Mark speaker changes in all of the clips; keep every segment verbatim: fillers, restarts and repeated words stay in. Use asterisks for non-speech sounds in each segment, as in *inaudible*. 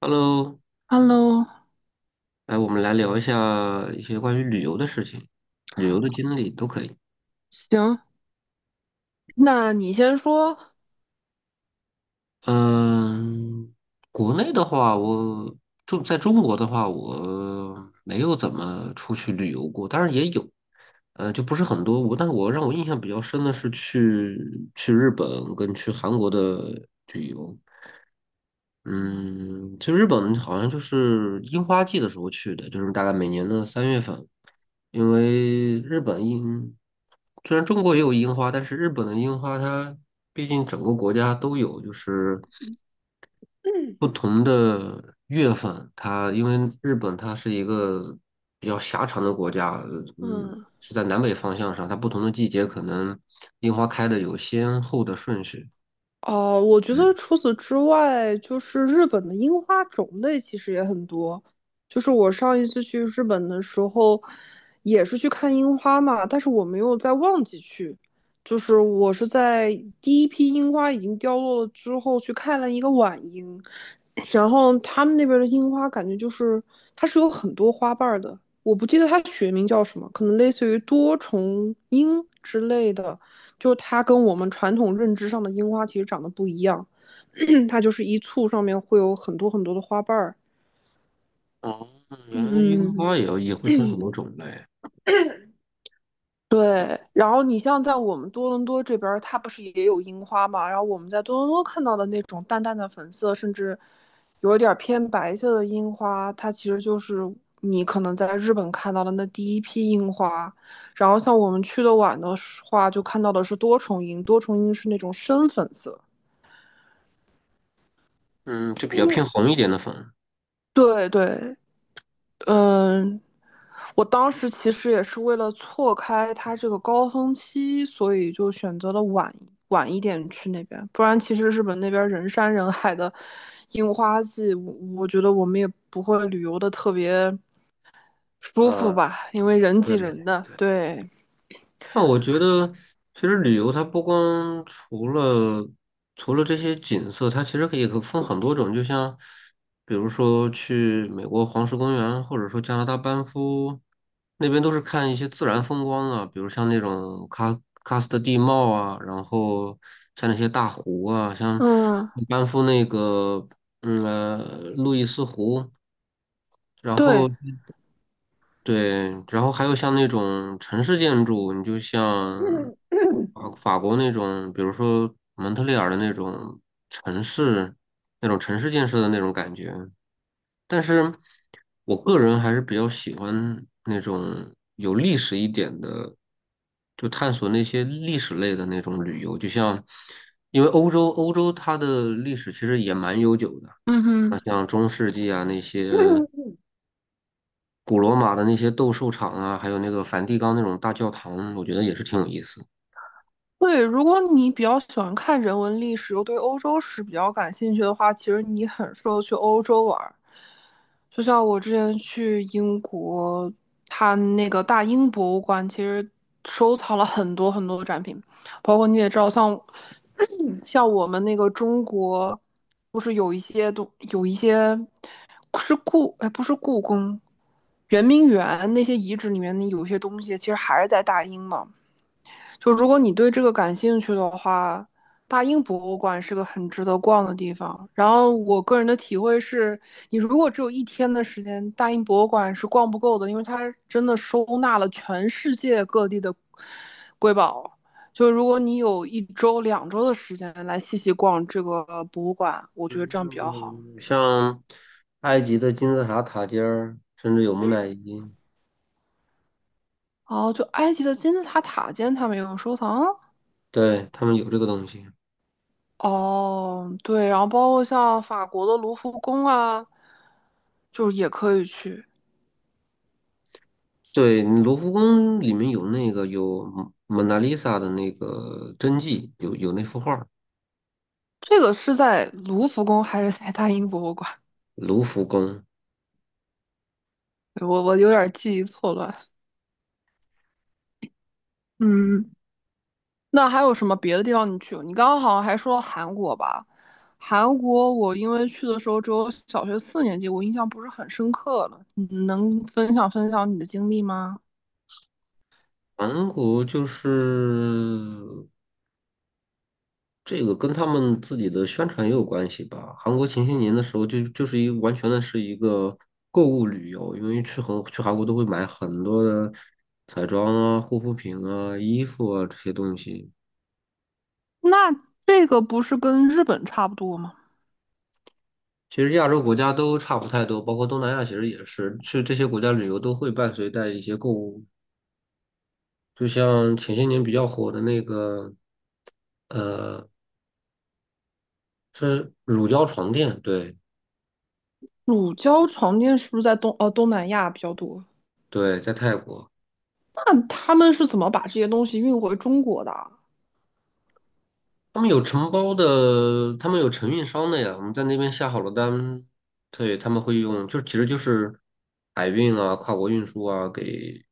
Speaker 1: Hello，
Speaker 2: Hello，
Speaker 1: 来，我们来聊一下一些关于旅游的事情，旅游的经历都可以。
Speaker 2: 行，那你先说
Speaker 1: 嗯，国内的话，我中在中国的话，我没有怎么出去旅游过，当然也有，呃，就不是很多。我，但是我让我印象比较深的是去去日本跟去韩国的旅游。嗯，其实日本好像就是樱花季的时候去的，就是大概每年的三月份，因为日本樱，虽然中国也有樱花，但是日本的樱花它毕竟整个国家都有，就是
Speaker 2: *clears throat*。
Speaker 1: 不同的月份，它因为日本它是一个比较狭长的国家，嗯，
Speaker 2: 嗯，
Speaker 1: 是在南北方向上，它不同的季节可能樱花开的有先后的顺序。
Speaker 2: 哦，我觉
Speaker 1: 嗯。
Speaker 2: 得除此之外，就是日本的樱花种类其实也很多。就是我上一次去日本的时候，也是去看樱花嘛，但是我没有在旺季去，就是我是在第一批樱花已经凋落了之后去看了一个晚樱，然后他们那边的樱花感觉就是它是有很多花瓣儿的，我不记得它学名叫什么，可能类似于多重樱之类的，就是它跟我们传统认知上的樱花其实长得不一样，*clears throat* 它就是一簇上面会有很多很多的花瓣儿。
Speaker 1: 哦，原来樱
Speaker 2: 嗯，
Speaker 1: 花也要也会分很多种类。
Speaker 2: 对，然后你像在我们多伦多这边儿，它不是也有樱花嘛？然后我们在多伦多看到的那种淡淡的粉色，甚至有一点儿偏白色的樱花，它其实就是你可能在日本看到的那第一批樱花。然后像我们去的晚的话，就看到的是多重樱，多重樱是那种深粉色。
Speaker 1: 嗯，就比较偏红一点的粉。
Speaker 2: 对对，嗯，我当时其实也是为了错开它这个高峰期，所以就选择了晚晚一点去那边。不然，其实日本那边人山人海的樱花季，我我觉得我们也不会旅游的特别舒服
Speaker 1: 呃，
Speaker 2: 吧，因为人挤
Speaker 1: 对，
Speaker 2: 人的。对，
Speaker 1: 那我觉得其实旅游它不光除了除了这些景色，它其实可以可分很多种，就像比如说去美国黄石公园，或者说加拿大班夫那边都是看一些自然风光啊，比如像那种喀喀斯特地貌啊，然后像那些大湖啊，像
Speaker 2: 嗯，
Speaker 1: 班夫那个嗯呃路易斯湖。然
Speaker 2: 对，
Speaker 1: 后对，然后还有像那种城市建筑，你就像法法国那种，比如说蒙特利尔的那种城市，那种城市建设的那种感觉。但是我个人还是比较喜欢那种有历史一点的，就探索那些历史类的那种旅游。就像，因为欧洲欧洲它的历史其实也蛮悠久的，
Speaker 2: 嗯
Speaker 1: 那
Speaker 2: 哼。
Speaker 1: 像中世纪啊那些。
Speaker 2: *clears throat*
Speaker 1: 古罗马的那些斗兽场啊，还有那个梵蒂冈那种大教堂，我觉得也是挺有意思。
Speaker 2: 对，如果你比较喜欢看人文历史，又对欧洲史比较感兴趣的话，其实你很适合去欧洲玩儿。就像我之前去英国，它那个大英博物馆其实收藏了很多很多的展品，包括你也知道，像 *clears throat* 像我们那个中国，不是有一些东有一些是故哎，不是故宫，圆明园那些遗址里面的有些东西，其实还是在大英嘛。就如果你对这个感兴趣的话，大英博物馆是个很值得逛的地方。然后我个人的体会是，你如果只有一天的时间，大英博物馆是逛不够的，因为它真的收纳了全世界各地的瑰宝。就如果你有一周、两周的时间来细细逛这个博物馆，我觉得这样比较好。
Speaker 1: 嗯，像埃及的金字塔塔尖儿，甚至有木乃伊，
Speaker 2: 哦，就埃及的金字塔塔尖，他们也有收藏。
Speaker 1: 对，他们有这个东西。
Speaker 2: 哦，对，然后包括像法国的卢浮宫啊，就是也可以去。
Speaker 1: 对，卢浮宫里面有那个有蒙娜丽莎的那个真迹，有有那幅画儿。
Speaker 2: 这个是在卢浮宫还是在大英博物馆？
Speaker 1: 卢浮宫。
Speaker 2: 对我我有点记忆错乱。嗯，那还有什么别的地方你去过你刚刚好像还说韩国吧？韩国我因为去的时候只有小学四年级，我印象不是很深刻了。你能分享分享你的经历吗？
Speaker 1: 韩国就是这个跟他们自己的宣传也有关系吧。韩国前些年的时候就，就是一个完全的是一个购物旅游，因为去韩去韩国都会买很多的彩妆啊、护肤品啊、衣服啊这些东西。
Speaker 2: 那这个不是跟日本差不多吗？
Speaker 1: 其实亚洲国家都差不太多，包括东南亚其实也是，去这些国家旅游都会伴随带一些购物。就像前些年比较火的那个呃，是乳胶床垫，对。
Speaker 2: 乳胶床垫是不是在东呃东南亚比较多？
Speaker 1: 对，在泰国。
Speaker 2: 那他们是怎么把这些东西运回中国的？
Speaker 1: 他们有承包的，他们有承运商的呀。我们在那边下好了单，对，他们会用，就其实就是海运啊、跨国运输啊，给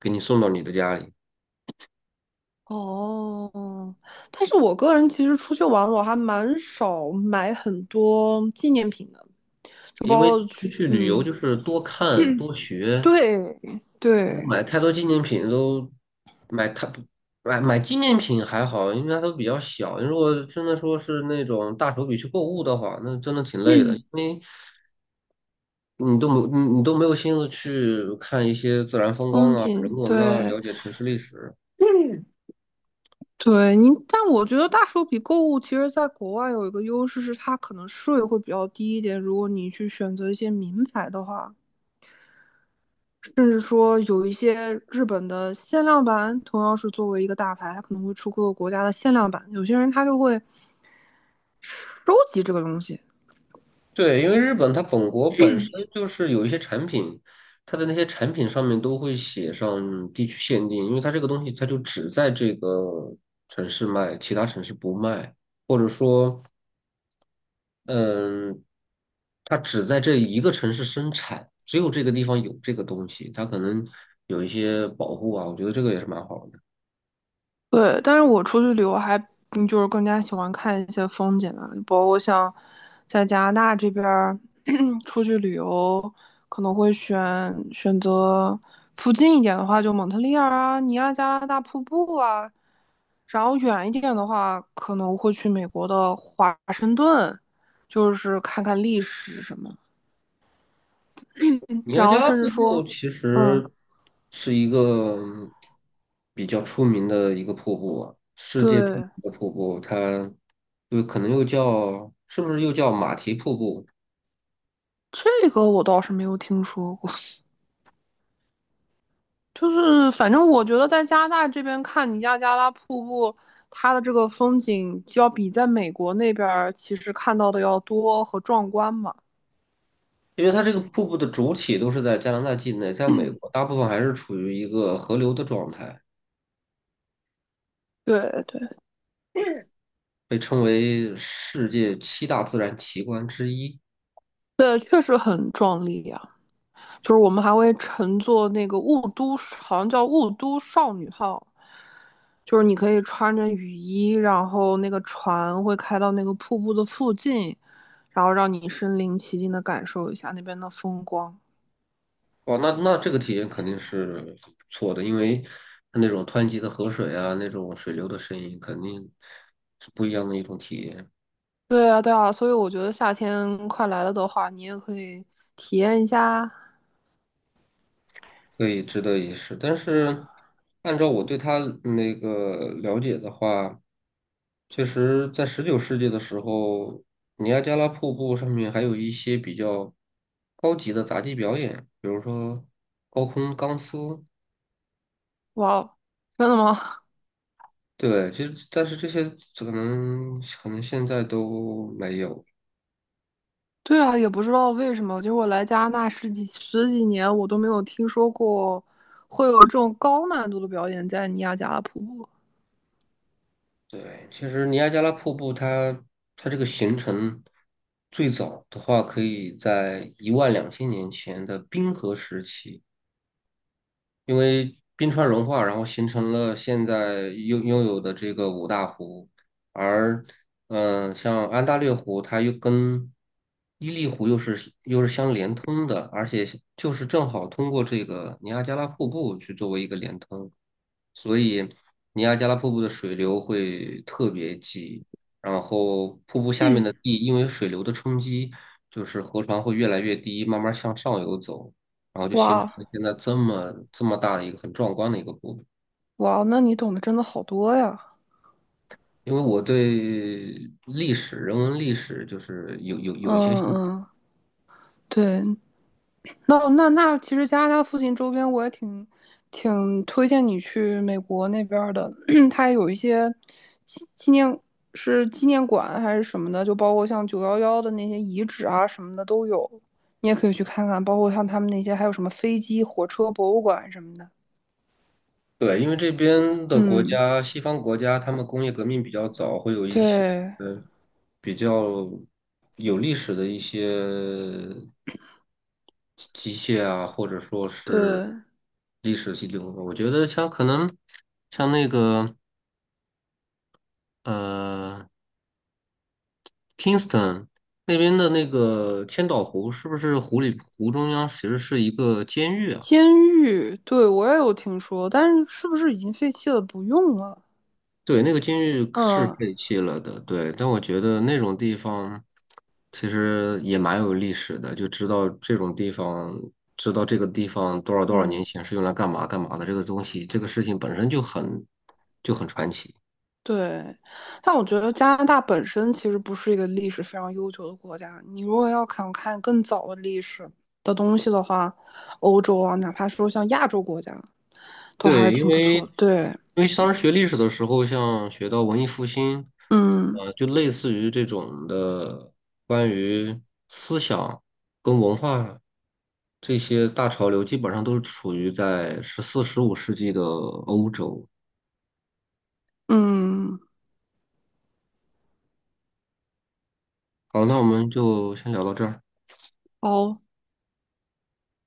Speaker 1: 给你送到你的家里。
Speaker 2: 哦，但是我个人其实出去玩，我还蛮少买很多纪念品的，就
Speaker 1: 因为
Speaker 2: 包括
Speaker 1: 出
Speaker 2: 去，
Speaker 1: 去旅游
Speaker 2: 嗯，
Speaker 1: 就是多看多学，
Speaker 2: 对
Speaker 1: 如果
Speaker 2: 对，
Speaker 1: 买太多纪念品都买太买买纪念品还好，应该都比较小。如果真的说是那种大手笔去购物的话，那真的挺累的，
Speaker 2: 嗯
Speaker 1: 因为。你都没你你都没有心思去看一些自然风光
Speaker 2: 风
Speaker 1: 啊、人
Speaker 2: 景，
Speaker 1: 文啊，
Speaker 2: 对
Speaker 1: 了解城市历史。
Speaker 2: 嗯，对，你，但我觉得大手笔购物其实在国外有一个优势是它可能税会比较低一点，如果你去选择一些名牌的话，甚至说有一些日本的限量版，同样是作为一个大牌，它可能会出各个国家的限量版。有些人他就会收集这个东西。
Speaker 1: 对，因为日本它本国本身就是有一些产品，它的那些产品上面都会写上地区限定，因为它这个东西它就只在这个城市卖，其他城市不卖，或者说，嗯，它只在这一个城市生产，只有这个地方有这个东西，它可能有一些保护啊，我觉得这个也是蛮好的。
Speaker 2: 对，但是我出去旅游还嗯就是更加喜欢看一些风景啊，包括像在加拿大这边儿 *clears throat* *coughs* 出去旅游，可能会选选择附近一点的话，就蒙特利尔啊、尼亚加拉大瀑布啊，然后远一点的话，可能会去美国的华盛顿，就是看看历史什么。
Speaker 1: 尼亚
Speaker 2: 然
Speaker 1: 加
Speaker 2: 后
Speaker 1: 拉
Speaker 2: 甚至
Speaker 1: 瀑布
Speaker 2: 说，
Speaker 1: 其
Speaker 2: 嗯，
Speaker 1: 实是一个嗯比较出名的一个瀑布啊，世界著名
Speaker 2: 对，
Speaker 1: 的瀑布，它就可能又叫是不是又叫马蹄瀑布？
Speaker 2: 这个我倒是没有听说过。就是反正我觉得在加拿大这边看尼亚加拉瀑布，它的这个风景就要比在美国那边儿其实看到的要多和壮观嘛。
Speaker 1: 因为它这个瀑布的主体都是在加拿大境内，在美国大部分还是处于一个河流的状态，
Speaker 2: 对对。
Speaker 1: 被称为世界七大自然奇观之一。
Speaker 2: 对，确实很壮丽啊！就是我们还会乘坐那个雾都，好像叫雾都少女号，就是你可以穿着雨衣，然后那个船会开到那个瀑布的附近，然后让你身临其境的感受一下那边的风光。
Speaker 1: 哦，那那这个体验肯定是很不错的，因为它那种湍急的河水啊，那种水流的声音，肯定是不一样的一种体验，
Speaker 2: 对啊，对啊，所以我觉得夏天快来了的话，你也可以体验一下。
Speaker 1: 所以值得一试。但是，按照我对它那个了解的话，确实在十九世纪的时候，尼亚加拉瀑布上面还有一些比较高级的杂技表演，比如说高空钢丝。
Speaker 2: 哇哦真的吗？*laughs*
Speaker 1: 对，其实但是这些可能可能现在都没有。
Speaker 2: 对啊，也不知道为什么，就是我来加拿大十几十几年，我都没有听说过会有这种高难度的表演在尼亚加拉瀑布。
Speaker 1: 对，其实尼亚加拉瀑布它它这个形成最早的话，可以在一万两千年前的冰河时期，因为冰川融化，然后形成了现在拥拥有的这个五大湖。而嗯、呃像安大略湖，它又跟伊利湖又是又是相连通的，而且就是正好通过这个尼亚加拉瀑布去作为一个连通。所以尼亚加拉瀑布的水流会特别急，然后瀑布下面
Speaker 2: 嗯，
Speaker 1: 的地因为水流的冲击，就是河床会越来越低，慢慢向上游走，然后就
Speaker 2: 哇
Speaker 1: 形成
Speaker 2: 哦
Speaker 1: 了现在这么这么大的一个很壮观的一个瀑布。
Speaker 2: 哇哦，那你懂得真的好多呀！
Speaker 1: 因为我对历史、人文历史就是有有
Speaker 2: 嗯
Speaker 1: 有一些兴趣，
Speaker 2: 嗯，对，那那那，其实加拿大附近周边我也挺挺推荐你去美国那边儿的，*clears throat* 它有一些纪纪念是纪念馆还是什么的，就包括像九幺幺的那些遗址啊什么的都有，你也可以去看看，包括像他们那些还有什么飞机、火车博物馆什么的。
Speaker 1: 对，因为这边的国
Speaker 2: 嗯，
Speaker 1: 家，西方国家，他们工业革命比较早，会有一些
Speaker 2: 对
Speaker 1: 呃比较有历史的一些机械啊，或者说是
Speaker 2: 对，
Speaker 1: 历史系流的。的我觉得像可能像那个呃 Kingston 那边的那个千岛湖，是不是湖里湖中央其实是一个监狱啊？
Speaker 2: 监狱，对我也有听说，但是是不是已经废弃了，不用了？
Speaker 1: 对，那个监狱是
Speaker 2: 嗯
Speaker 1: 废弃了的，对，但我觉得那种地方其实也蛮有历史的，就知道这种地方，知道这个地方多少多少年
Speaker 2: 嗯。
Speaker 1: 前是用来干嘛干嘛的，这个东西，这个事情本身就很就很传奇。
Speaker 2: 对，但我觉得加拿大本身其实不是一个历史非常悠久的国家。你如果要想看更早的历史的东西的话，欧洲啊，哪怕说像亚洲国家，都还是
Speaker 1: 对，因
Speaker 2: 挺不
Speaker 1: 为
Speaker 2: 错的对，
Speaker 1: 因为当时学历史的时候，像学到文艺复兴，
Speaker 2: 嗯
Speaker 1: 呃，就类似于这种的关于思想跟文化这些大潮流，基本上都是处于在十四、十五世纪的欧洲。
Speaker 2: 嗯，
Speaker 1: 好，那我们就先聊到这儿。
Speaker 2: 好。